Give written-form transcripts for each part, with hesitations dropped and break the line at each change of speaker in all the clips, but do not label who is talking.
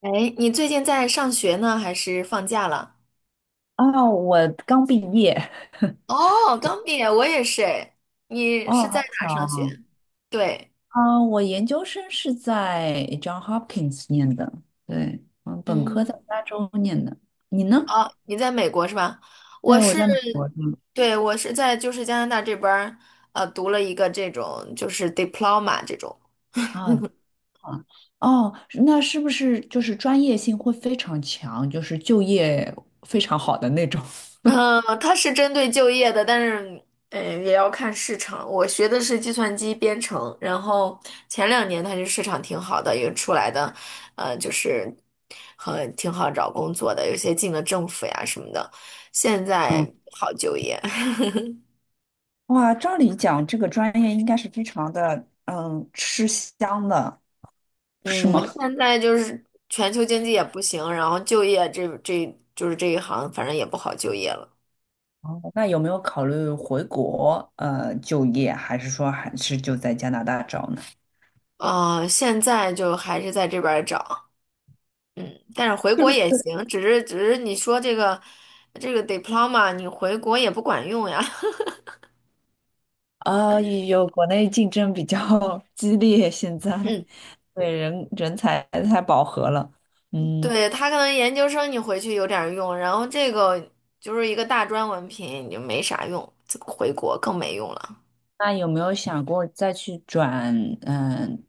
哎，你最近在上学呢，还是放假了？
哦，我刚毕业，
哦，刚毕业，我也是哎。你
哦，
是在
好
哪
巧
儿上
啊！
学？对，
啊，我研究生是在 John Hopkins 念的。对，嗯，本科
嗯，
在加州念的。你呢？
哦，你在美国是吧？我
对，我
是，
在美国的。
对，我是在就是加拿大这边儿，读了一个这种就是 diploma 这种。
啊啊，哦，那是不是就是专业性会非常强，就是就业非常好的那种？
嗯，它是针对就业的，但是嗯，也要看市场。我学的是计算机编程，然后前两年它就市场挺好的，有出来的，就是很挺好找工作的，有些进了政府呀什么的，现在
嗯，
不好就业。
哇，照理讲，这个专业应该是非常的，吃香的，是吗？
嗯，现在就是全球经济也不行，然后就业这就是这一行，反正也不好就业了。
哦，那有没有考虑回国就业，还是说还是就在加拿大找呢？
现在就还是在这边儿找。但是回
是
国
不是？
也行，只是你说这个这个 diploma 你回国也不管用呀。
啊，有国内竞争比较 激烈，现在
嗯，
对人才太饱和了。嗯，
对，他可能研究生你回去有点儿用，然后这个就是一个大专文凭，你就没啥用，这个回国更没用了。
那有没有想过再去转？嗯、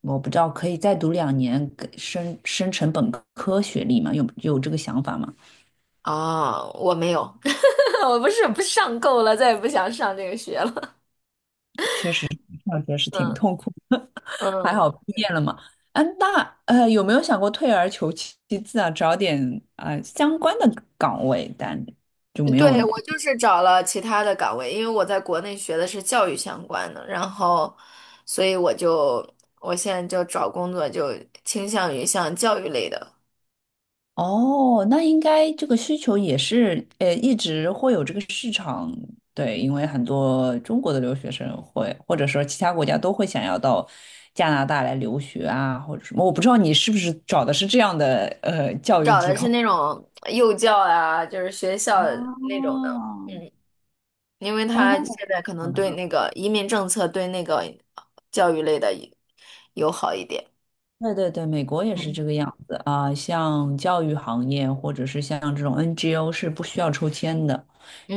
我不知道，可以再读2年，给升成本科学历吗？有这个想法吗？
啊。我没有，我不是不上够了，再也不想上这个学了。
确实，上学是 挺
嗯
痛苦。还好
嗯。
毕业了嘛。啊，那有没有想过退而求其次啊，找点啊、相关的岗位，但就没有。
对，我就是找了其他的岗位，因为我在国内学的是教育相关的，然后，所以我就我现在就找工作就倾向于像教育类的，
哦，那应该这个需求也是一直会有这个市场。对，因为很多中国的留学生会，或者说其他国家都会想要到加拿大来留学啊，或者什么，我不知道你是不是找的是这样的教育
找
机
的是
构。
那种幼教啊，就是学校那种的，
哦，
嗯，因为
哦，
他
那我
现在可
好
能
的。
对那个移民政策对那个教育类的友好一点，
对对对，美国也是
嗯
这个样子啊，像教育行业或者是像这种 NGO 是不需要抽签的，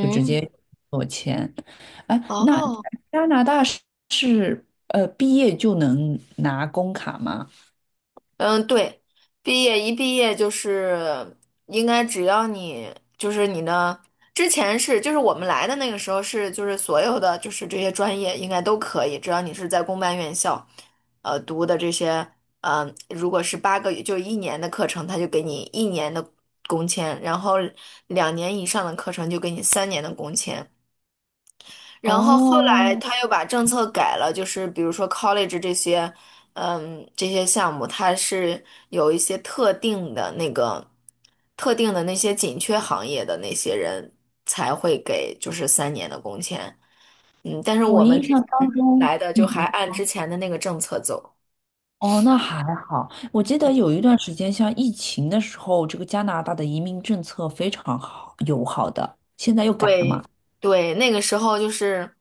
就直接做签。哎，那
哦，
加拿大是毕业就能拿工卡吗？
嗯，对，毕业一毕业就是应该只要你就是你的之前是就是我们来的那个时候是就是所有的就是这些专业应该都可以，只要你是在公办院校，读的这些，嗯、如果是八个月就一年的课程，他就给你一年的工签，然后两年以上的课程就给你三年的工签。然后后来
哦，
他又把政策改了，就是比如说 college 这些，嗯，这些项目，它是有一些特定的那个特定的那些紧缺行业的那些人才会给就是三年的工签，嗯，但是
我
我们
印
之
象当
前
中，
来的
嗯，
就还按之前的那个政策走。
哦，那还好。我记得有一段时间，像疫情的时候，这个加拿大的移民政策非常友好的，现在又改了嘛。
对对，那个时候就是，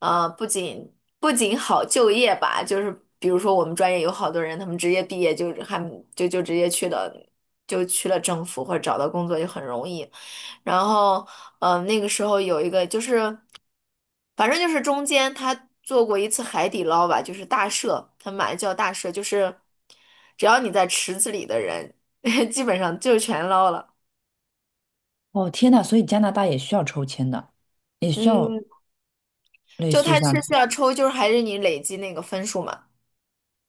呃，不仅好就业吧，就是比如说我们专业有好多人，他们直接毕业就还就直接去了，就去了政府或者找到工作就很容易。然后，那个时候有一个就是，反正就是中间他做过一次海底捞吧，就是大赦，他们把它叫大赦，就是只要你在池子里的人，基本上就全捞了。
哦，天呐，所以加拿大也需要抽签的，也需要
嗯，
类
就
似于
他是
像，
需要抽，就是还是你累积那个分数嘛，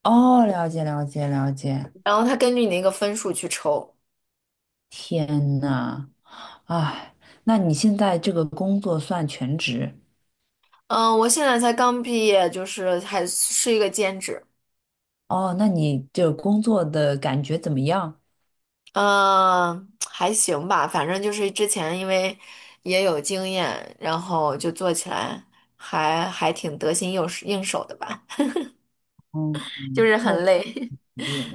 哦，了解了解了解。
然后他根据你那个分数去抽。
天呐，哎，那你现在这个工作算全职？
嗯，我现在才刚毕业，就是还是一个兼职，
哦，那你这个工作的感觉怎么样？
嗯，还行吧，反正就是之前因为也有经验，然后就做起来还挺得心应手的吧，
嗯，
就是
确
很累。
实有。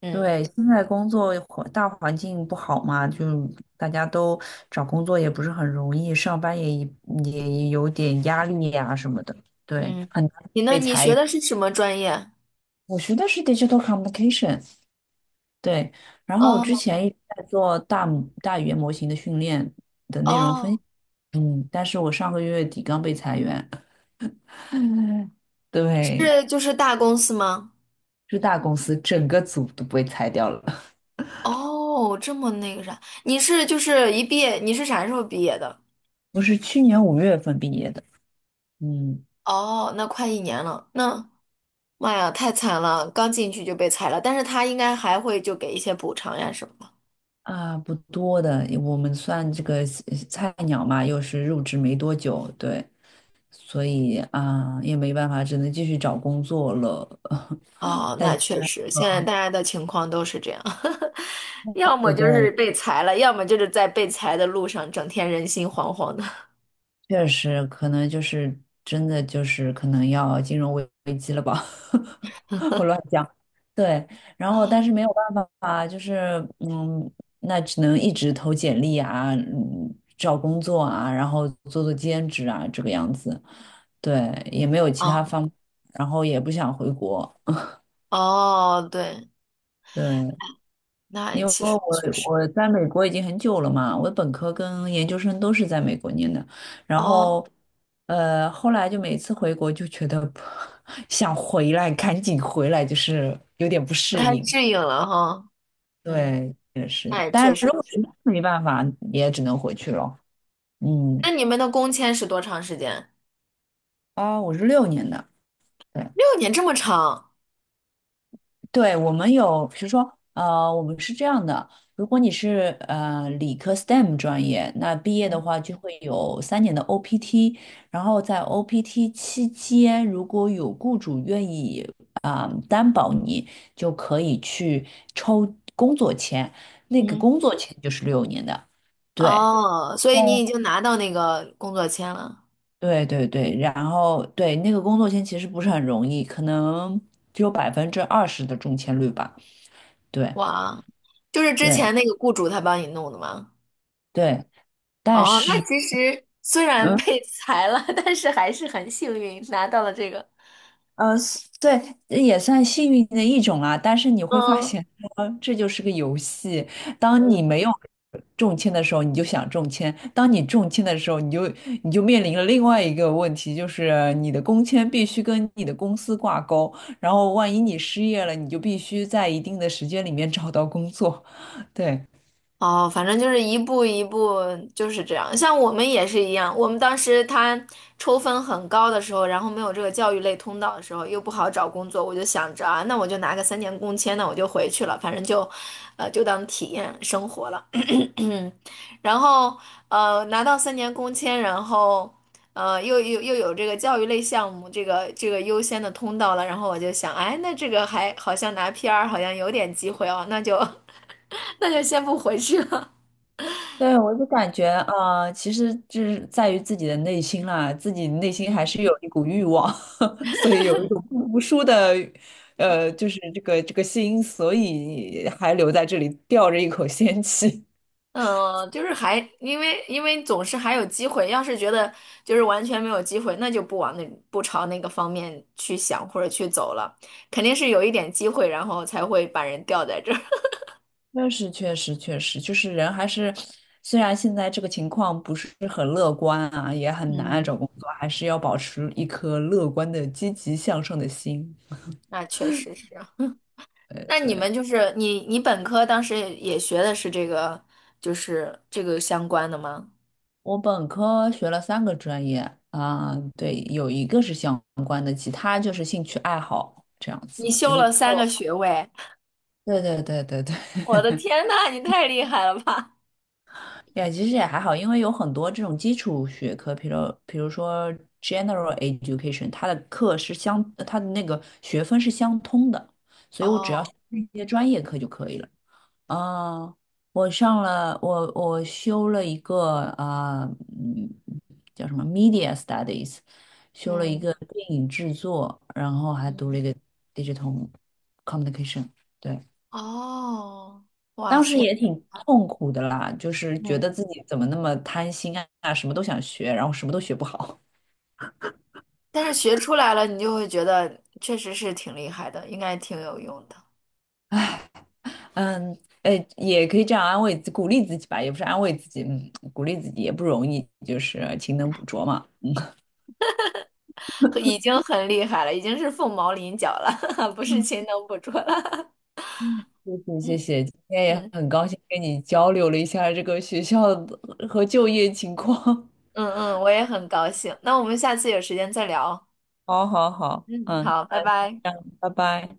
嗯
对，现在工作大环境不好嘛，就大家都找工作也不是很容易，上班也有点压力呀、什么的。对，
嗯，
很难
你呢？
被
你
裁
学
员。
的是什么专业？
我学的是 digital communication。对，然后我之
哦
前一直在做大语言模型的训练的内容分
哦，
析，但是我上个月底刚被裁员。对，
是就是大公司吗？
是大公司整个组都被裁掉了。
哦，这么那个啥，你是就是一毕业，你是啥时候毕业的？
我是去年5月份毕业的。嗯
哦，那快一年了，那妈呀，太惨了，刚进去就被裁了，但是他应该还会就给一些补偿呀什么的。
不多的，我们算这个菜鸟嘛，又是入职没多久。对，所以啊也没办法，只能继续找工作了。
哦，
但
那
是，
确实，现在大家的情况都是这样，要么
对
就是
对，
被裁了，要么就是在被裁的路上，整天人心惶惶的。
确实，可能就是真的就是可能要金融危机了吧。我乱讲。对，然后但是没有办法，就是，那只能一直投简历啊，嗯，找工作啊，然后做做兼职啊，这个样子。对，也没有其他
哦，
方，然后也不想回国。
哦，对，
对，
那
因为
其实
我
确实，
我在美国已经很久了嘛，我的本科跟研究生都是在美国念的。然
哦，
后后来就每次回国就觉得 想回来，赶紧回来，就是有点不
不太
适应。
适应了哈。嗯，
对，也
那
是，
也
但
确
是如
实
果实
是。
在没办法，也只能回去了。嗯，
那你们的工签是多长时间？
啊，我是六年的。对，
六年这么长
对，我们有，比如说我们是这样的，如果你是理科 STEM 专业，那毕业的话就会有3年的 OPT，然后在 OPT 期间，如果有雇主愿意啊、担保你，就可以去抽工作签，那个
嗯，
工作签就是六年的。对。
哦，所以你已经拿到那个工作签了，
对对对，然后对那个工作签其实不是很容易，可能只有20%的中签率吧。对
哇，就是之
对
前那个雇主他帮你弄的吗？
对，但
哦，那
是
其实虽然
嗯
被裁了，但是还是很幸运拿到了这个。
呃，对，也算幸运的一种啦。但是你会发
嗯
现说这就是个游戏。当你没有中签的时候，你就想中签；当你中签的时候，你就面临了另外一个问题，就是你的工签必须跟你的公司挂钩。然后，万一你失业了，你就必须在一定的时间里面找到工作。对。
哦，反正就是一步一步就是这样。像我们也是一样，我们当时他抽分很高的时候，然后没有这个教育类通道的时候，又不好找工作，我就想着啊，那我就拿个三年工签，那我就回去了，反正就，就当体验生活了。然后拿到三年工签，然后呃，又有这个教育类项目，这个这个优先的通道了，然后我就想，哎，那这个还好像拿 PR 好像有点机会哦，那就 那就先不回去了。
对，我就感觉，啊，其实这是在于自己的内心啦，自己内心
嗯，
还是有一股欲望。所以有一种不服输的就是这个心，所以还留在这里吊着一口仙气。
就是还因为总是还有机会，要是觉得就是完全没有机会，那就不往那不朝那个方面去想或者去走了，肯定是有一点机会，然后才会把人吊在这儿。
那是确实，确实，就是人还是，虽然现在这个情况不是很乐观啊，也 很难啊
嗯，
找工作，还是要保持一颗乐观的、积极向上的心。
那确实是啊。
对
那你
对，
们就是你本科当时也学的是这个，就是这个相关的吗？
我本科学了三个专业啊。对，有一个是相关的，其他就是兴趣爱好这样
你
子。
修
一，
了三个
个。
学位，
对对对对对。
我的 天呐，你太厉害了吧！
也其实也还好，因为有很多这种基础学科，比如说 general education，它的那个学分是相通的，所以我只要
哦，
修一些专业课就可以了。啊、我修了一个啊，嗯，叫什么 media studies，修了一
嗯
个电影制作，然后还读
嗯，
了一个 digital communication。对。
哦，哇
当时
塞。
也挺痛苦的啦，就是觉
嗯。
得自己怎么那么贪心啊，什么都想学，然后什么都学不好。
但是学出来了，你就会觉得确实是挺厉害的，应该挺有用的，
嗯，哎，也可以这样安慰自鼓励自己吧，也不是安慰自己，嗯，鼓励自己也不容易，就是勤能补拙嘛。
和已经很厉害了，已经是凤毛麟角了，不是
嗯
勤能补拙了。
嗯，谢谢谢
嗯
谢，今天也
嗯
很高兴跟你交流了一下这个学校的和就业情况。
嗯嗯，我也很高兴。那我们下次有时间再聊。
好好好，
嗯，
嗯，
好，拜拜。
这样，拜拜。